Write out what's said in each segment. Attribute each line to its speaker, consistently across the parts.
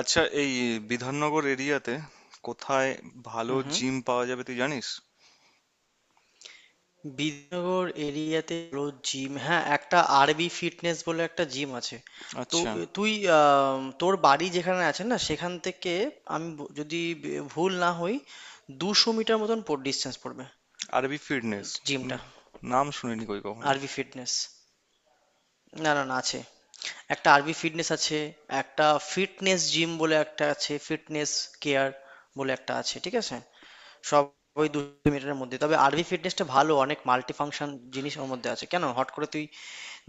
Speaker 1: আচ্ছা, এই বিধাননগর এরিয়াতে কোথায় ভালো
Speaker 2: হুম, হুম।
Speaker 1: জিম পাওয়া যাবে তুই জানিস?
Speaker 2: বিদ্যানগর এরিয়াতে রোজ জিম, হ্যাঁ, একটা আরবি ফিটনেস বলে একটা জিম আছে। তো
Speaker 1: আচ্ছা,
Speaker 2: এ তুই তোর বাড়ি যেখানে আছে না, সেখান থেকে আমি যদি ভুল না হই, ২০০ মিটার মতন পর ডিসটেন্স পড়বে
Speaker 1: আরবি ফিটনেস?
Speaker 2: জিমটা।
Speaker 1: নাম শুনিনি কই কখনো।
Speaker 2: আরবি ফিটনেস। না, না, না, আছে। একটা আরবি ফিটনেস আছে, একটা ফিটনেস জিম বলে একটা আছে, ফিটনেস কেয়ার বলে একটা আছে। ঠিক আছে? সবই দু মিটারের মধ্যে, তবে আরভি ফিটনেসটা ভালো, অনেক মাল্টি ফাংশন জিনিস ওর মধ্যে আছে। কেন হট করে তুই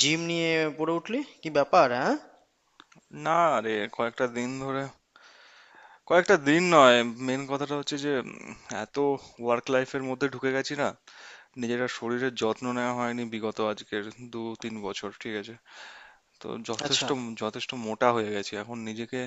Speaker 2: জিম নিয়ে পড়ে উঠলি, কি ব্যাপার, হ্যাঁ?
Speaker 1: না রে, কয়েকটা দিন ধরে, কয়েকটা দিন নয়, মেন কথাটা হচ্ছে যে এত ওয়ার্ক লাইফের মধ্যে ঢুকে গেছি না, নিজেরা শরীরের যত্ন নেওয়া হয়নি বিগত আজকের 2-3 বছর, ঠিক আছে? তো
Speaker 2: আচ্ছা।
Speaker 1: যথেষ্ট যথেষ্ট মোটা হয়ে গেছি, এখন নিজেকে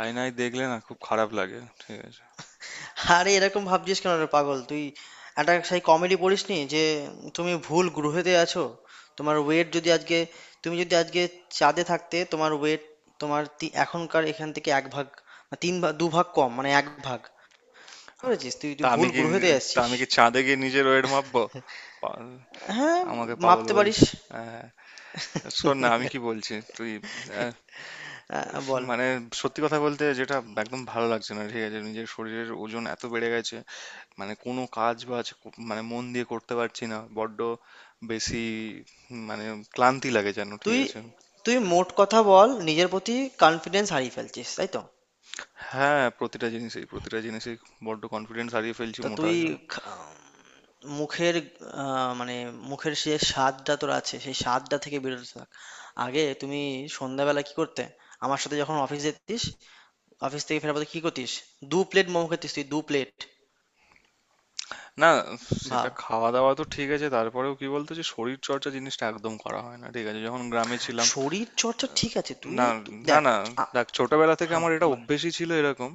Speaker 1: আয়নায় দেখলে না খুব খারাপ লাগে, ঠিক আছে?
Speaker 2: আরে এরকম ভাবছিস কেন রে পাগল তুই? একটা সেই কমেডি পড়িসনি যে তুমি ভুল গ্রহেতে আছো? তোমার ওয়েট যদি আজকে, তুমি যদি আজকে চাঁদে থাকতে, তোমার ওয়েট তোমার এখনকার এখান থেকে এক ভাগ বা তিন ভাগ দু ভাগ কম, মানে এক ভাগ। বুঝেছিস তুই তুই
Speaker 1: তা আমি
Speaker 2: ভুল
Speaker 1: কি
Speaker 2: গ্রহেতে
Speaker 1: তা
Speaker 2: আসছিস।
Speaker 1: আমি কি চাঁদে গিয়ে নিজের ওয়েট মাপবো? পাগল।
Speaker 2: হ্যাঁ,
Speaker 1: আমাকে পাগল
Speaker 2: মাপতে পারিস।
Speaker 1: বলছে। হ্যাঁ, শোন না, আমি কি বলছি তুই। আহ,
Speaker 2: বল।
Speaker 1: মানে সত্যি কথা বলতে, যেটা একদম ভালো লাগছে না ঠিক আছে, নিজের শরীরের ওজন এত বেড়ে গেছে মানে কোনো কাজ বাজ মানে মন দিয়ে করতে পারছি না, বড্ড বেশি মানে ক্লান্তি লাগে যেন, ঠিক
Speaker 2: তুই
Speaker 1: আছে?
Speaker 2: তুই মোট কথা বল, নিজের প্রতি কনফিডেন্স হারিয়ে ফেলছিস তাই তো?
Speaker 1: হ্যাঁ, প্রতিটা জিনিসেই বড্ড কনফিডেন্স হারিয়ে ফেলছি
Speaker 2: তো
Speaker 1: মোটা
Speaker 2: তুই
Speaker 1: হয়ে যাওয়ার।
Speaker 2: খা- মুখের, মানে, মুখের যে স্বাদটা তোর আছে, সেই স্বাদটা থেকে বেরোতে থাক। আগে তুমি সন্ধ্যাবেলা কি করতে আমার সাথে যখন অফিস যেতিস? অফিস থেকে ফেরার পথে কি করতিস? দু প্লেট মোমো খেতিস তুই, দু প্লেট।
Speaker 1: না, সেটা
Speaker 2: ভাব।
Speaker 1: খাওয়া দাওয়া তো ঠিক আছে, তারপরেও কি বলতো যে শরীর চর্চা জিনিসটা একদম করা হয় না, ঠিক আছে, যখন গ্রামে ছিলাম।
Speaker 2: শরীর চর্চা, ঠিক আছে তুই
Speaker 1: না, না,
Speaker 2: দেখ।
Speaker 1: না,
Speaker 2: আ-
Speaker 1: দেখ, ছোটবেলা থেকে
Speaker 2: হ্যাঁ,
Speaker 1: আমার এটা
Speaker 2: বল।
Speaker 1: অভ্যেসই ছিল এরকম,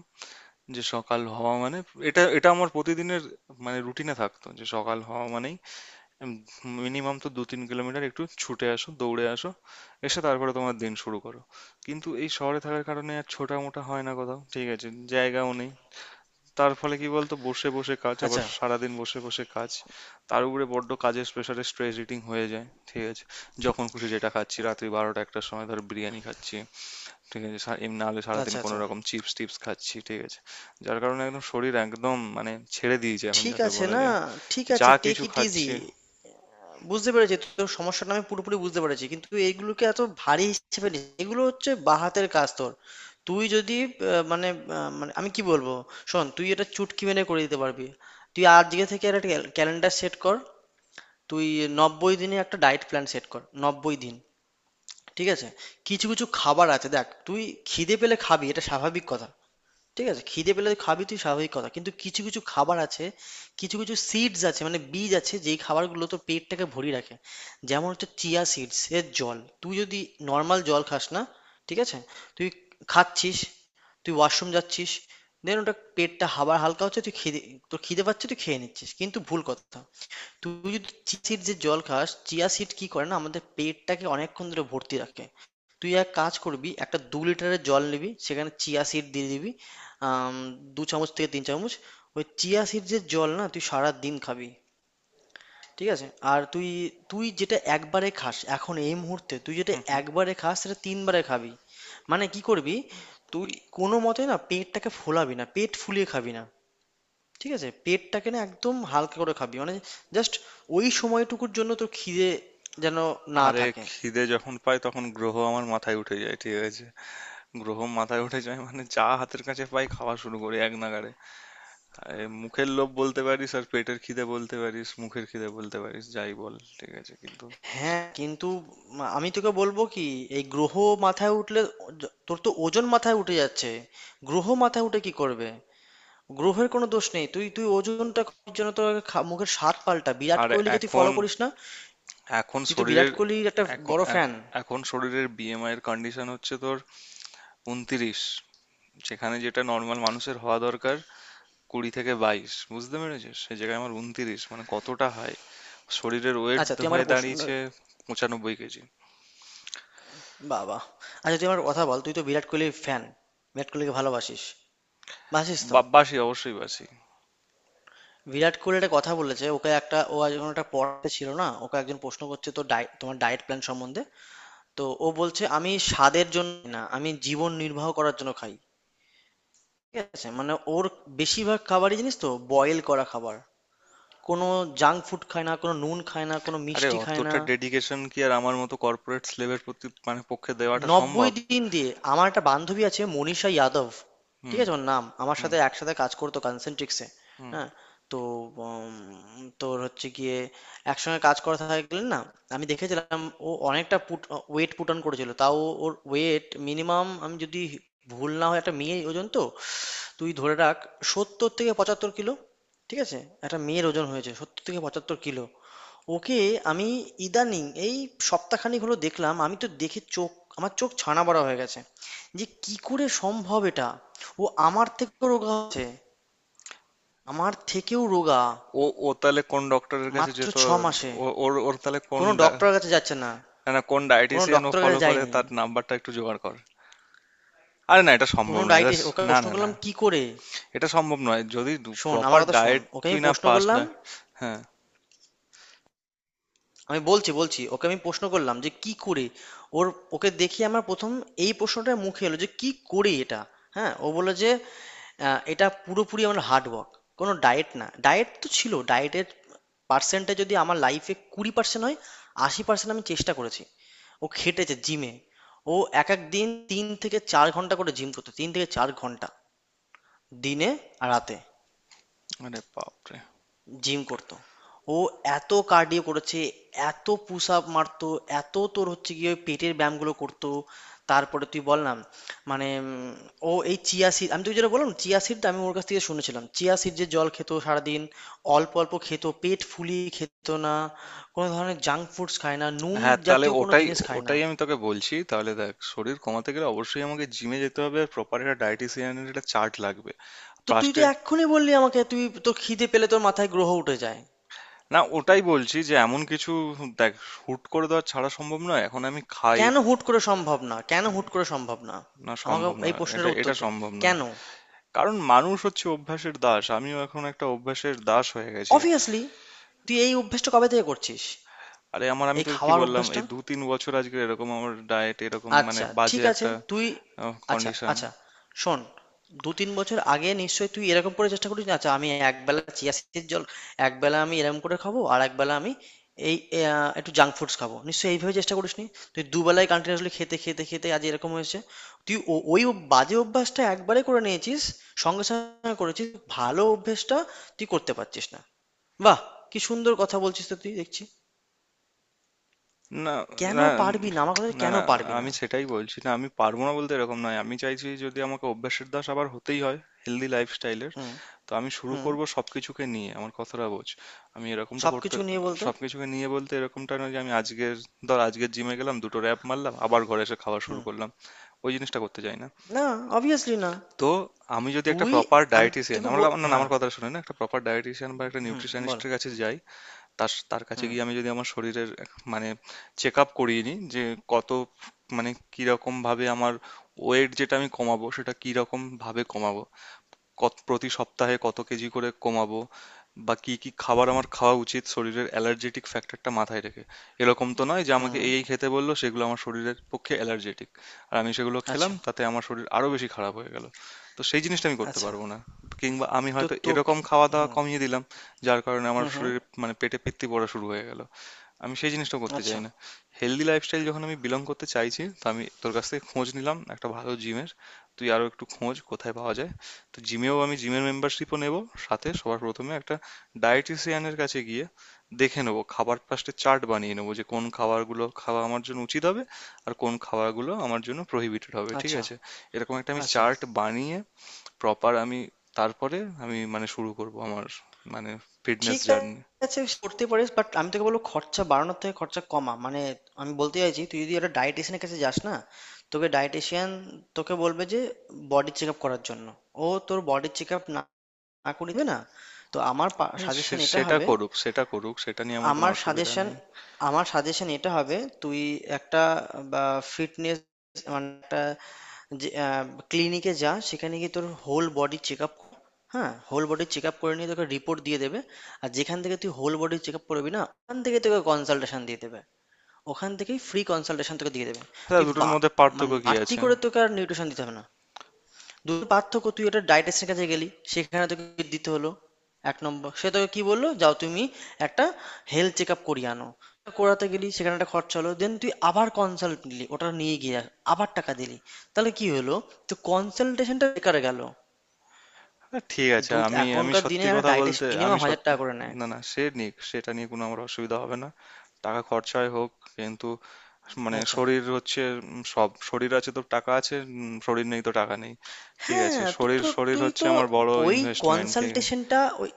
Speaker 1: যে সকাল হওয়া মানে, এটা এটা আমার প্রতিদিনের মানে রুটিনে থাকতো যে সকাল হওয়া মানেই মিনিমাম তো 2-3 কিলোমিটার একটু ছুটে আসো, দৌড়ে আসো, এসে তারপরে তোমার দিন শুরু করো। কিন্তু এই শহরে থাকার কারণে আর ছোটা মোটা হয় না কোথাও, ঠিক আছে, জায়গাও নেই। তার ফলে কি বলতো, বসে বসে কাজ, আবার
Speaker 2: আচ্ছা,
Speaker 1: সারাদিন বসে বসে কাজ। তার উপরে বড্ড কাজের প্রেশারে স্ট্রেস ইটিং হয়ে যায়, ঠিক আছে, যখন খুশি যেটা খাচ্ছি রাত্রি 12টা-1টার সময় ধর বিরিয়ানি খাচ্ছি, ঠিক আছে, এমনি নাহলে সারাদিন
Speaker 2: আচ্ছা।
Speaker 1: কোনো
Speaker 2: আচ্ছা।
Speaker 1: রকম চিপস টিপস খাচ্ছি, ঠিক আছে? যার কারণে একদম শরীর একদম মানে ছেড়ে দিয়েছে এখন,
Speaker 2: ঠিক
Speaker 1: যাকে
Speaker 2: আছে
Speaker 1: বলা
Speaker 2: না,
Speaker 1: যায়
Speaker 2: ঠিক আছে,
Speaker 1: যা
Speaker 2: টেক
Speaker 1: কিছু
Speaker 2: ইট ইজি।
Speaker 1: খাচ্ছি।
Speaker 2: বুঝতে পেরেছি তোর সমস্যাটা, আমি পুরোপুরি বুঝতে পেরেছি, কিন্তু এইগুলোকে এত ভারী হিসেবে নিস। এগুলো হচ্ছে বাঁহাতের কাজ তোর। তুই যদি মানে, মানে, আমি কি বলবো, শোন, তুই এটা চুটকি মেনে করে দিতে পারবি। তুই আজকে থেকে একটা ক্যালেন্ডার সেট কর। তুই ৯০ দিনে একটা ডায়েট প্ল্যান সেট কর, ৯০ দিন। ঠিক আছে? কিছু কিছু খাবার আছে, দেখ তুই খিদে পেলে খাবি, এটা স্বাভাবিক কথা। ঠিক আছে, খিদে পেলে খাবি তুই, স্বাভাবিক কথা, কিন্তু কিছু কিছু খাবার আছে, কিছু কিছু সিডস আছে, মানে বীজ আছে, যেই খাবারগুলো তোর পেটটাকে ভরিয়ে রাখে। যেমন হচ্ছে চিয়া সিডস এর জল। তুই যদি নর্মাল জল খাস না, ঠিক আছে, তুই খাচ্ছিস, তুই ওয়াশরুম যাচ্ছিস, দেন ওটা পেটটা হাবার হালকা হচ্ছে, তুই খিদে, তোর খিদে পাচ্ছে, তুই খেয়ে নিচ্ছিস, কিন্তু ভুল কথা। তুই যদি চিয়া সিড যে জল খাস, চিয়া সিড কি করে না আমাদের পেটটাকে অনেকক্ষণ ধরে ভর্তি রাখে। তুই এক কাজ করবি, একটা ২ লিটারের জল নিবি, সেখানে চিয়া সিড দিয়ে দিবি, আম, দু চামচ থেকে তিন চামচ। ওই চিয়া সিডসের জল না তুই সারা দিন খাবি। ঠিক আছে? আর তুই, তুই যেটা একবারে খাস, এখন এই মুহূর্তে তুই যেটা
Speaker 1: হুম, হুম।
Speaker 2: একবারে খাস, সেটা তিনবারে খাবি। মানে কি করবি, তুই কোনো মতে না পেটটাকে ফোলাবি না, পেট ফুলিয়ে খাবি না। ঠিক আছে, পেটটাকে না একদম হালকা করে খাবি, মানে জাস্ট ওই সময়টুকুর জন্য তোর খিদে যেন না
Speaker 1: আরে,
Speaker 2: থাকে।
Speaker 1: খিদে যখন পাই তখন গ্রহ আমার মাথায় উঠে যায়, ঠিক আছে, গ্রহ মাথায় উঠে যায় মানে যা হাতের কাছে পাই খাওয়া শুরু করি এক নাগাড়ে। আরে, মুখের লোভ বলতে পারিস, আর পেটের খিদে বলতে পারিস, মুখের খিদে বলতে পারিস, যাই বল, ঠিক আছে, কিন্তু
Speaker 2: হ্যাঁ, কিন্তু আমি তোকে বলবো কি, এই গ্রহ মাথায় উঠলে তোর তো ওজন মাথায় উঠে যাচ্ছে। গ্রহ মাথায় উঠে কি করবে? গ্রহের কোনো দোষ নেই। তুই তুই ওজনটা কমানোর জন্য তোর আগে মুখের স্বাদ পাল্টা। বিরাট
Speaker 1: আর
Speaker 2: কোহলিকে তুই ফলো
Speaker 1: এখন
Speaker 2: করিস না?
Speaker 1: এখন
Speaker 2: তুই তো বিরাট
Speaker 1: শরীরের
Speaker 2: কোহলির একটা
Speaker 1: এখন
Speaker 2: বড় ফ্যান।
Speaker 1: এখ- এখন শরীরের বিএমআই এর কন্ডিশন হচ্ছে তোর 29, যেখানে যেটা নর্মাল মানুষের হওয়া দরকার 20 থেকে 22, বুঝতে পেরেছিস? সে জায়গায় আমার 29 মানে কতটা হাই শরীরের ওয়েট
Speaker 2: আচ্ছা তুই আমার
Speaker 1: হয়ে
Speaker 2: একটা প্রশ্ন,
Speaker 1: দাঁড়িয়েছে, 95 কেজি।
Speaker 2: বাবা। আচ্ছা তুই আমার কথা বল, তুই তো বিরাট কোহলির ফ্যান, বিরাট কোহলিকে ভালোবাসিস, বাসিস তো?
Speaker 1: বাসি, অবশ্যই বাসি।
Speaker 2: বিরাট কোহলি একটা কথা বলেছে, ওকে একটা, ও একজন একটা পড়াতে ছিল না, ওকে একজন প্রশ্ন করছে তো, ডায়েট, তোমার ডায়েট প্ল্যান সম্বন্ধে। তো ও বলছে, আমি স্বাদের জন্য না, আমি জীবন নির্বাহ করার জন্য খাই। ঠিক আছে, মানে ওর বেশিরভাগ খাবারই জানিস তো বয়েল করা খাবার, কোনো জাঙ্ক ফুড খায় না, কোনো নুন খায় না, কোনো
Speaker 1: আরে,
Speaker 2: মিষ্টি খায় না।
Speaker 1: অতটা ডেডিকেশন কি আর আমার মতো কর্পোরেট স্লেভের প্রতি মানে পক্ষে দেওয়াটা
Speaker 2: নব্বই
Speaker 1: সম্ভব?
Speaker 2: দিন দিয়ে, আমার একটা বান্ধবী আছে, মনীষা যাদব। ঠিক
Speaker 1: হুম,
Speaker 2: আছে, ওর নাম, আমার
Speaker 1: হুম,
Speaker 2: সাথে একসাথে কাজ করতো কনসেন্ট্রিক্সে।
Speaker 1: হুম।
Speaker 2: হ্যাঁ, তো উম, তোর হচ্ছে গিয়ে একসঙ্গে কাজ করা থাকলে না, আমি দেখেছিলাম ও অনেকটা পুট, ওয়েট পুট অন করেছিল, তাও ওর ওয়েট মিনিমাম আমি যদি ভুল না হয়, একটা মেয়ের ওজন তো তুই ধরে রাখ ৭০-৭৫ কিলো। ঠিক আছে, একটা মেয়ের ওজন হয়েছে ৭০-৭৫ কিলো। ওকে, আমি ইদানিং এই সপ্তাহখানেক হলো দেখলাম, আমি তো দেখে চোখ, আমার চোখ ছানা বড়া হয়ে গেছে, যে কি করে সম্ভব এটা। ও আমার থেকেও রোগা হচ্ছে, আমার থেকেও রোগা,
Speaker 1: ও, ও তাহলে কোন ডক্টরের কাছে
Speaker 2: মাত্র
Speaker 1: যেত?
Speaker 2: ৬ মাসে।
Speaker 1: ও ওর ওর তাহলে কোন
Speaker 2: কোনো
Speaker 1: ডা-
Speaker 2: ডক্টরের কাছে যাচ্ছে না,
Speaker 1: না, না, কোন
Speaker 2: কোনো
Speaker 1: ডায়েটিসিয়ান ও
Speaker 2: ডক্টরের
Speaker 1: ফলো
Speaker 2: কাছে
Speaker 1: করে,
Speaker 2: যায়নি,
Speaker 1: তার নাম্বারটা একটু জোগাড় কর। আরে না, এটা
Speaker 2: কোনো
Speaker 1: সম্ভব নয়
Speaker 2: ডায়েটে।
Speaker 1: ব্যাস।
Speaker 2: ওকে
Speaker 1: না,
Speaker 2: প্রশ্ন
Speaker 1: না, না,
Speaker 2: করলাম কি করে,
Speaker 1: এটা সম্ভব নয় যদি
Speaker 2: শোন,
Speaker 1: প্রপার
Speaker 2: আমার কথা শোন,
Speaker 1: ডায়েট
Speaker 2: ওকে
Speaker 1: তুই
Speaker 2: আমি
Speaker 1: না
Speaker 2: প্রশ্ন
Speaker 1: পাস
Speaker 2: করলাম,
Speaker 1: না। হ্যাঁ।
Speaker 2: আমি বলছি, বলছি, ওকে আমি প্রশ্ন করলাম যে কি করে ওর, ওকে দেখি আমার প্রথম এই প্রশ্নটা মুখে এলো যে কি করে এটা। হ্যাঁ, ও বললো যে এটা পুরোপুরি আমার হার্ড ওয়ার্ক, কোনো ডায়েট না, ডায়েট তো ছিল, ডায়েটের পার্সেন্টে যদি আমার লাইফে ২০% হয়, ৮০% আমি চেষ্টা করেছি। ও খেটেছে জিমে, ও এক এক দিন ৩-৪ ঘন্টা করে জিম করতো, ৩-৪ ঘন্টা দিনে, আর রাতে
Speaker 1: আরে বাপরে।
Speaker 2: জিম করতো। ও এত কার্ডিও করেছে, এত পুশ আপ মারতো, এত তোর হচ্ছে গিয়ে ওই পেটের ব্যায়ামগুলো করতো। তারপরে তুই বললাম, মানে ও এই চিয়া সিড, আমি তুই যেটা বললাম চিয়া সিড, আমি ওর কাছ থেকে শুনেছিলাম চিয়া সিড, যে জল খেত সারাদিন অল্প অল্প খেত, পেট ফুলিয়ে খেত না, কোনো ধরনের জাঙ্ক ফুডস খায় না, নুন
Speaker 1: হ্যাঁ, তাহলে
Speaker 2: জাতীয় কোনো
Speaker 1: ওটাই,
Speaker 2: জিনিস খায় না।
Speaker 1: ওটাই আমি তোকে বলছি, তাহলে দেখ শরীর কমাতে গেলে অবশ্যই আমাকে জিমে যেতে হবে, আর প্রপার একটা ডায়েটিসিয়ানের একটা চার্ট লাগবে।
Speaker 2: তো তুই তো
Speaker 1: ফার্স্টে,
Speaker 2: এক্ষুনি বললি আমাকে তুই, তোর খিদে পেলে তোর মাথায় গ্রহ উঠে যায়।
Speaker 1: না, ওটাই বলছি, যে এমন কিছু দেখ হুট করে দেওয়া ছাড়া সম্ভব নয় এখন আমি খাই,
Speaker 2: কেন হুট করে সম্ভব না? কেন হুট করে সম্ভব না?
Speaker 1: না
Speaker 2: আমাকে
Speaker 1: সম্ভব
Speaker 2: এই
Speaker 1: নয়, এটা,
Speaker 2: প্রশ্নের উত্তর
Speaker 1: এটা
Speaker 2: দে,
Speaker 1: সম্ভব নয়,
Speaker 2: কেন?
Speaker 1: কারণ মানুষ হচ্ছে অভ্যাসের দাস, আমিও এখন একটা অভ্যাসের দাস হয়ে গেছি।
Speaker 2: অবভিয়াসলি। তুই এই অভ্যেসটা কবে থেকে করছিস,
Speaker 1: আরে, আমি
Speaker 2: এই
Speaker 1: তোকে কি
Speaker 2: খাওয়ার
Speaker 1: বললাম, এই
Speaker 2: অভ্যেসটা?
Speaker 1: 2-3 বছর আজকে এরকম আমার ডায়েট এরকম মানে
Speaker 2: আচ্ছা,
Speaker 1: বাজে
Speaker 2: ঠিক আছে
Speaker 1: একটা
Speaker 2: তুই, আচ্ছা,
Speaker 1: কন্ডিশন।
Speaker 2: আচ্ছা, শোন, ২-৩ বছর আগে নিশ্চয়ই তুই এরকম করে চেষ্টা করিস না, আচ্ছা আমি একবেলা চিয়া সিডের জল, একবেলা আমি এরকম করে খাবো, আর একবেলা আমি এই একটু জাঙ্ক ফুডস খাবো, নিশ্চয়ই এইভাবে চেষ্টা করিসনি। তুই দুবেলায় কন্টিনিউয়াসলি খেতে খেতে খেতে আজ এরকম হয়েছে। তুই ও- ওই অভ- বাজে অভ্যাসটা একবারে করে নিয়েছিস, সঙ্গে সঙ্গে করেছিস, ভালো অভ্যেসটা তুই করতে পারছিস না। বাহ, কি সুন্দর কথা বলছিস তো তুই, দেখছি।
Speaker 1: না,
Speaker 2: কেন
Speaker 1: না,
Speaker 2: পারবি না আমার কথাটা,
Speaker 1: না,
Speaker 2: কেন
Speaker 1: না,
Speaker 2: পারবি না?
Speaker 1: আমি সেটাই বলছি না, আমি পারবো না বলতে এরকম নয়, আমি চাইছি যদি আমাকে অভ্যাসের দাস আবার হতেই হয় হেলদি লাইফস্টাইলের,
Speaker 2: হুম,
Speaker 1: তো আমি শুরু
Speaker 2: হুম।
Speaker 1: করব সবকিছুকে নিয়ে, আমার কথাটা বোঝ, আমি এরকমটা করতে
Speaker 2: সবকিছু নিয়ে বলতো।
Speaker 1: সবকিছুকে নিয়ে বলতে এরকমটা নয় যে আমি আজকের, ধর আজকের জিমে গেলাম, দুটো র্যাপ মারলাম, আবার ঘরে এসে খাওয়া শুরু
Speaker 2: হুম।
Speaker 1: করলাম, ওই জিনিসটা করতে চাই না।
Speaker 2: না, অবভিয়াসলি না।
Speaker 1: তো আমি যদি একটা
Speaker 2: তুই,
Speaker 1: প্রপার
Speaker 2: আমি
Speaker 1: ডায়েটিশিয়ান
Speaker 2: তোকে
Speaker 1: আমার
Speaker 2: বল,
Speaker 1: কা- না না,
Speaker 2: হ্যাঁ,
Speaker 1: আমার কথা শুনে, না, একটা প্রপার ডায়েটিশিয়ান বা একটা
Speaker 2: হুম বল।
Speaker 1: নিউট্রিশনিস্টের কাছে যাই, তার তার কাছে
Speaker 2: হুম,
Speaker 1: গিয়ে আমি যদি আমার শরীরের মানে চেক আপ করিয়ে নিই, যে কত মানে কিরকম ভাবে আমার ওয়েট যেটা আমি কমাবো সেটা কিরকম ভাবে কমাবো, কত প্রতি সপ্তাহে কত কেজি করে কমাবো, বা কি কি খাবার আমার খাওয়া উচিত শরীরের অ্যালার্জেটিক ফ্যাক্টরটা মাথায় রেখে। এরকম তো নয় যে আমাকে
Speaker 2: হুম।
Speaker 1: এই এই খেতে বললো, সেগুলো আমার শরীরের পক্ষে অ্যালার্জেটিক, আর আমি সেগুলো খেলাম,
Speaker 2: আচ্ছা,
Speaker 1: তাতে আমার শরীর আরো বেশি খারাপ হয়ে গেল। তো সেই জিনিসটা আমি করতে
Speaker 2: আচ্ছা।
Speaker 1: পারবো না। কিংবা আমি
Speaker 2: তো
Speaker 1: হয়তো
Speaker 2: তোকে,
Speaker 1: এরকম খাওয়া দাওয়া
Speaker 2: হুম,
Speaker 1: কমিয়ে দিলাম, যার কারণে আমার
Speaker 2: হুম, হুম,
Speaker 1: শরীরে মানে পেটে পিত্তি পড়া শুরু হয়ে গেল। আমি সেই জিনিসটা করতে
Speaker 2: আচ্ছা,
Speaker 1: চাই না। হেলদি লাইফস্টাইল যখন আমি বিলং করতে চাইছি, তো আমি তোর কাছ থেকে খোঁজ নিলাম একটা ভালো জিমের, তুই আরো একটু খোঁজ কোথায় পাওয়া যায়। তো জিমেও আমি জিমের মেম্বারশিপও নেব, সাথে সবার প্রথমে একটা ডায়েটিশিয়ানের কাছে গিয়ে দেখে নেবো খাবার, ফার্স্টে চার্ট বানিয়ে নেবো যে কোন খাবারগুলো খাওয়া আমার জন্য উচিত হবে, আর কোন খাবারগুলো আমার জন্য প্রহিবিটেড হবে, ঠিক
Speaker 2: আচ্ছা।
Speaker 1: আছে? এরকম একটা আমি
Speaker 2: আচ্ছা,
Speaker 1: চার্ট বানিয়ে প্রপার আমি, তারপরে আমি মানে শুরু করব আমার মানে ফিটনেস
Speaker 2: ঠিক
Speaker 1: জার্নি।
Speaker 2: আছে, করতে পারিস, বাট আমি তোকে বলবো, খরচা বাড়ানোর থেকে খরচা কমা, মানে আমি বলতে চাইছি, তুই যদি একটা ডায়েটিশিয়ানের কাছে যাস না, তোকে ডায়েটিশিয়ান, তোকে বলবে যে বডি চেক আপ করার জন্য, ও তোর বডি চেক আপ আঁকু নিবে না। তো আমার
Speaker 1: হ্যাঁ,
Speaker 2: সাজেশন এটা
Speaker 1: সেটা
Speaker 2: হবে,
Speaker 1: করুক, সেটা করুক, সেটা নিয়ে আমার কোনো
Speaker 2: আমার
Speaker 1: অসুবিধা
Speaker 2: সাজেশন
Speaker 1: নেই।
Speaker 2: আমার সাজেশন এটা হবে, তুই একটা বা ফিটনেস, মানে একটা ক্লিনিকে যা, সেখানে গিয়ে তোর হোল বডি চেক আপ, হ্যাঁ, হোল বডি চেক আপ করে নিয়ে তোকে রিপোর্ট দিয়ে দেবে। আর যেখান থেকে তুই হোল বডি চেক আপ করবি না, ওখান থেকে তোকে কনসালটেশন দিয়ে দেবে, ওখান থেকেই ফ্রি কনসালটেশন তোকে দিয়ে দেবে।
Speaker 1: হ্যাঁ,
Speaker 2: তুই
Speaker 1: দুটোর
Speaker 2: বা,
Speaker 1: মধ্যে
Speaker 2: মানে
Speaker 1: পার্থক্য কি
Speaker 2: বাড়তি
Speaker 1: আছে?
Speaker 2: করে তোকে আর নিউট্রিশন দিতে হবে না। দুটোর পার্থক্য, তুই ওটা ডায়েটিশিয়ানের কাছে গেলি, সেখানে তোকে দিতে হলো, এক নম্বর, সে তোকে কি বললো, যাও তুমি একটা হেলথ চেক আপ করিয়ে আনো, করাতে গেলি, সেখানে একটা খরচা হলো, দেন তুই আবার কনসাল্ট নিলি ওটা নিয়ে গিয়ে, আবার টাকা দিলি, তাহলে কি হলো, তো কনসালটেশনটা বেকার গেল।
Speaker 1: হ্যাঁ, ঠিক আছে, আর
Speaker 2: দুধ
Speaker 1: আমি আমি
Speaker 2: এখনকার দিনে
Speaker 1: সত্যি
Speaker 2: একটা
Speaker 1: কথা বলতে
Speaker 2: ডায়েটিশিয়ান মিনিমাম
Speaker 1: আমি
Speaker 2: হাজার
Speaker 1: সত্যি।
Speaker 2: টাকা করে নেয়।
Speaker 1: না, না, সে নিক, সেটা নিয়ে কোনো আমার অসুবিধা হবে না, টাকা খরচায় হোক, কিন্তু মানে
Speaker 2: আচ্ছা।
Speaker 1: শরীর হচ্ছে সব, শরীর আছে তো টাকা আছে, শরীর নেই তো টাকা নেই, ঠিক আছে?
Speaker 2: হ্যাঁ, তুই
Speaker 1: শরীর
Speaker 2: তো
Speaker 1: শরীর
Speaker 2: তুই
Speaker 1: হচ্ছে
Speaker 2: তো
Speaker 1: আমার বড়
Speaker 2: ওই
Speaker 1: ইনভেস্টমেন্ট, ঠিক আছে।
Speaker 2: কনসালটেশনটা ওই,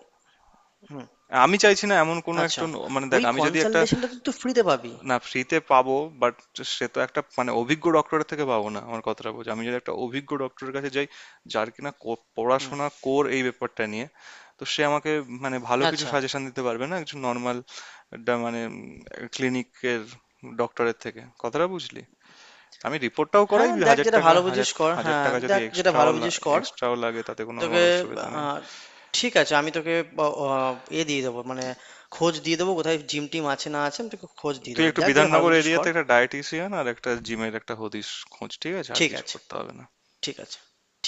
Speaker 2: হুম,
Speaker 1: আমি চাইছি না এমন কোনো একটা
Speaker 2: আচ্ছা,
Speaker 1: মানে দেখ,
Speaker 2: ওই
Speaker 1: আমি যদি একটা,
Speaker 2: কনসালটেশনটা তুই তো ফ্রিতে পাবি।
Speaker 1: না, ফ্রিতে পাবো, বাট সে তো একটা মানে অভিজ্ঞ ডক্টরের থেকে পাবো না, আমার কথাটা বলছি, আমি যদি একটা অভিজ্ঞ ডক্টরের কাছে যাই, যার কিনা
Speaker 2: হুম।
Speaker 1: পড়াশোনা কোর এই ব্যাপারটা নিয়ে, তো সে আমাকে মানে ভালো কিছু
Speaker 2: আচ্ছা।
Speaker 1: সাজেশন দিতে পারবে না একজন নর্মাল মানে ক্লিনিকের ডক্টরের থেকে, কথাটা বুঝলি। আমি রিপোর্টটাও করাই
Speaker 2: হ্যাঁ, দেখ
Speaker 1: হাজার
Speaker 2: যেটা
Speaker 1: টাকা
Speaker 2: ভালো
Speaker 1: হাজার
Speaker 2: বুঝিস কর।
Speaker 1: হাজার
Speaker 2: হ্যাঁ,
Speaker 1: টাকা যদি
Speaker 2: দেখ যেটা
Speaker 1: এক্সট্রাও
Speaker 2: ভালো বুঝিস কর।
Speaker 1: এক্সট্রাও লাগে তাতে কোনো আমার
Speaker 2: তোকে,
Speaker 1: অসুবিধা নেই।
Speaker 2: আহ, ঠিক আছে, আমি তোকে এ দিয়ে দেবো, মানে খোঁজ দিয়ে দেবো কোথায় জিম টিম আছে না আছে, আমি তোকে খোঁজ দিয়ে
Speaker 1: তুই
Speaker 2: দেবো।
Speaker 1: একটু
Speaker 2: দেখ যেটা ভালো
Speaker 1: বিধাননগর
Speaker 2: বুঝিস কর।
Speaker 1: এরিয়াতে একটা ডায়েটিশিয়ান আর একটা জিমের একটা হদিশ খোঁজ, ঠিক আছে? আর
Speaker 2: ঠিক
Speaker 1: কিছু
Speaker 2: আছে,
Speaker 1: করতে হবে না।
Speaker 2: ঠিক আছে।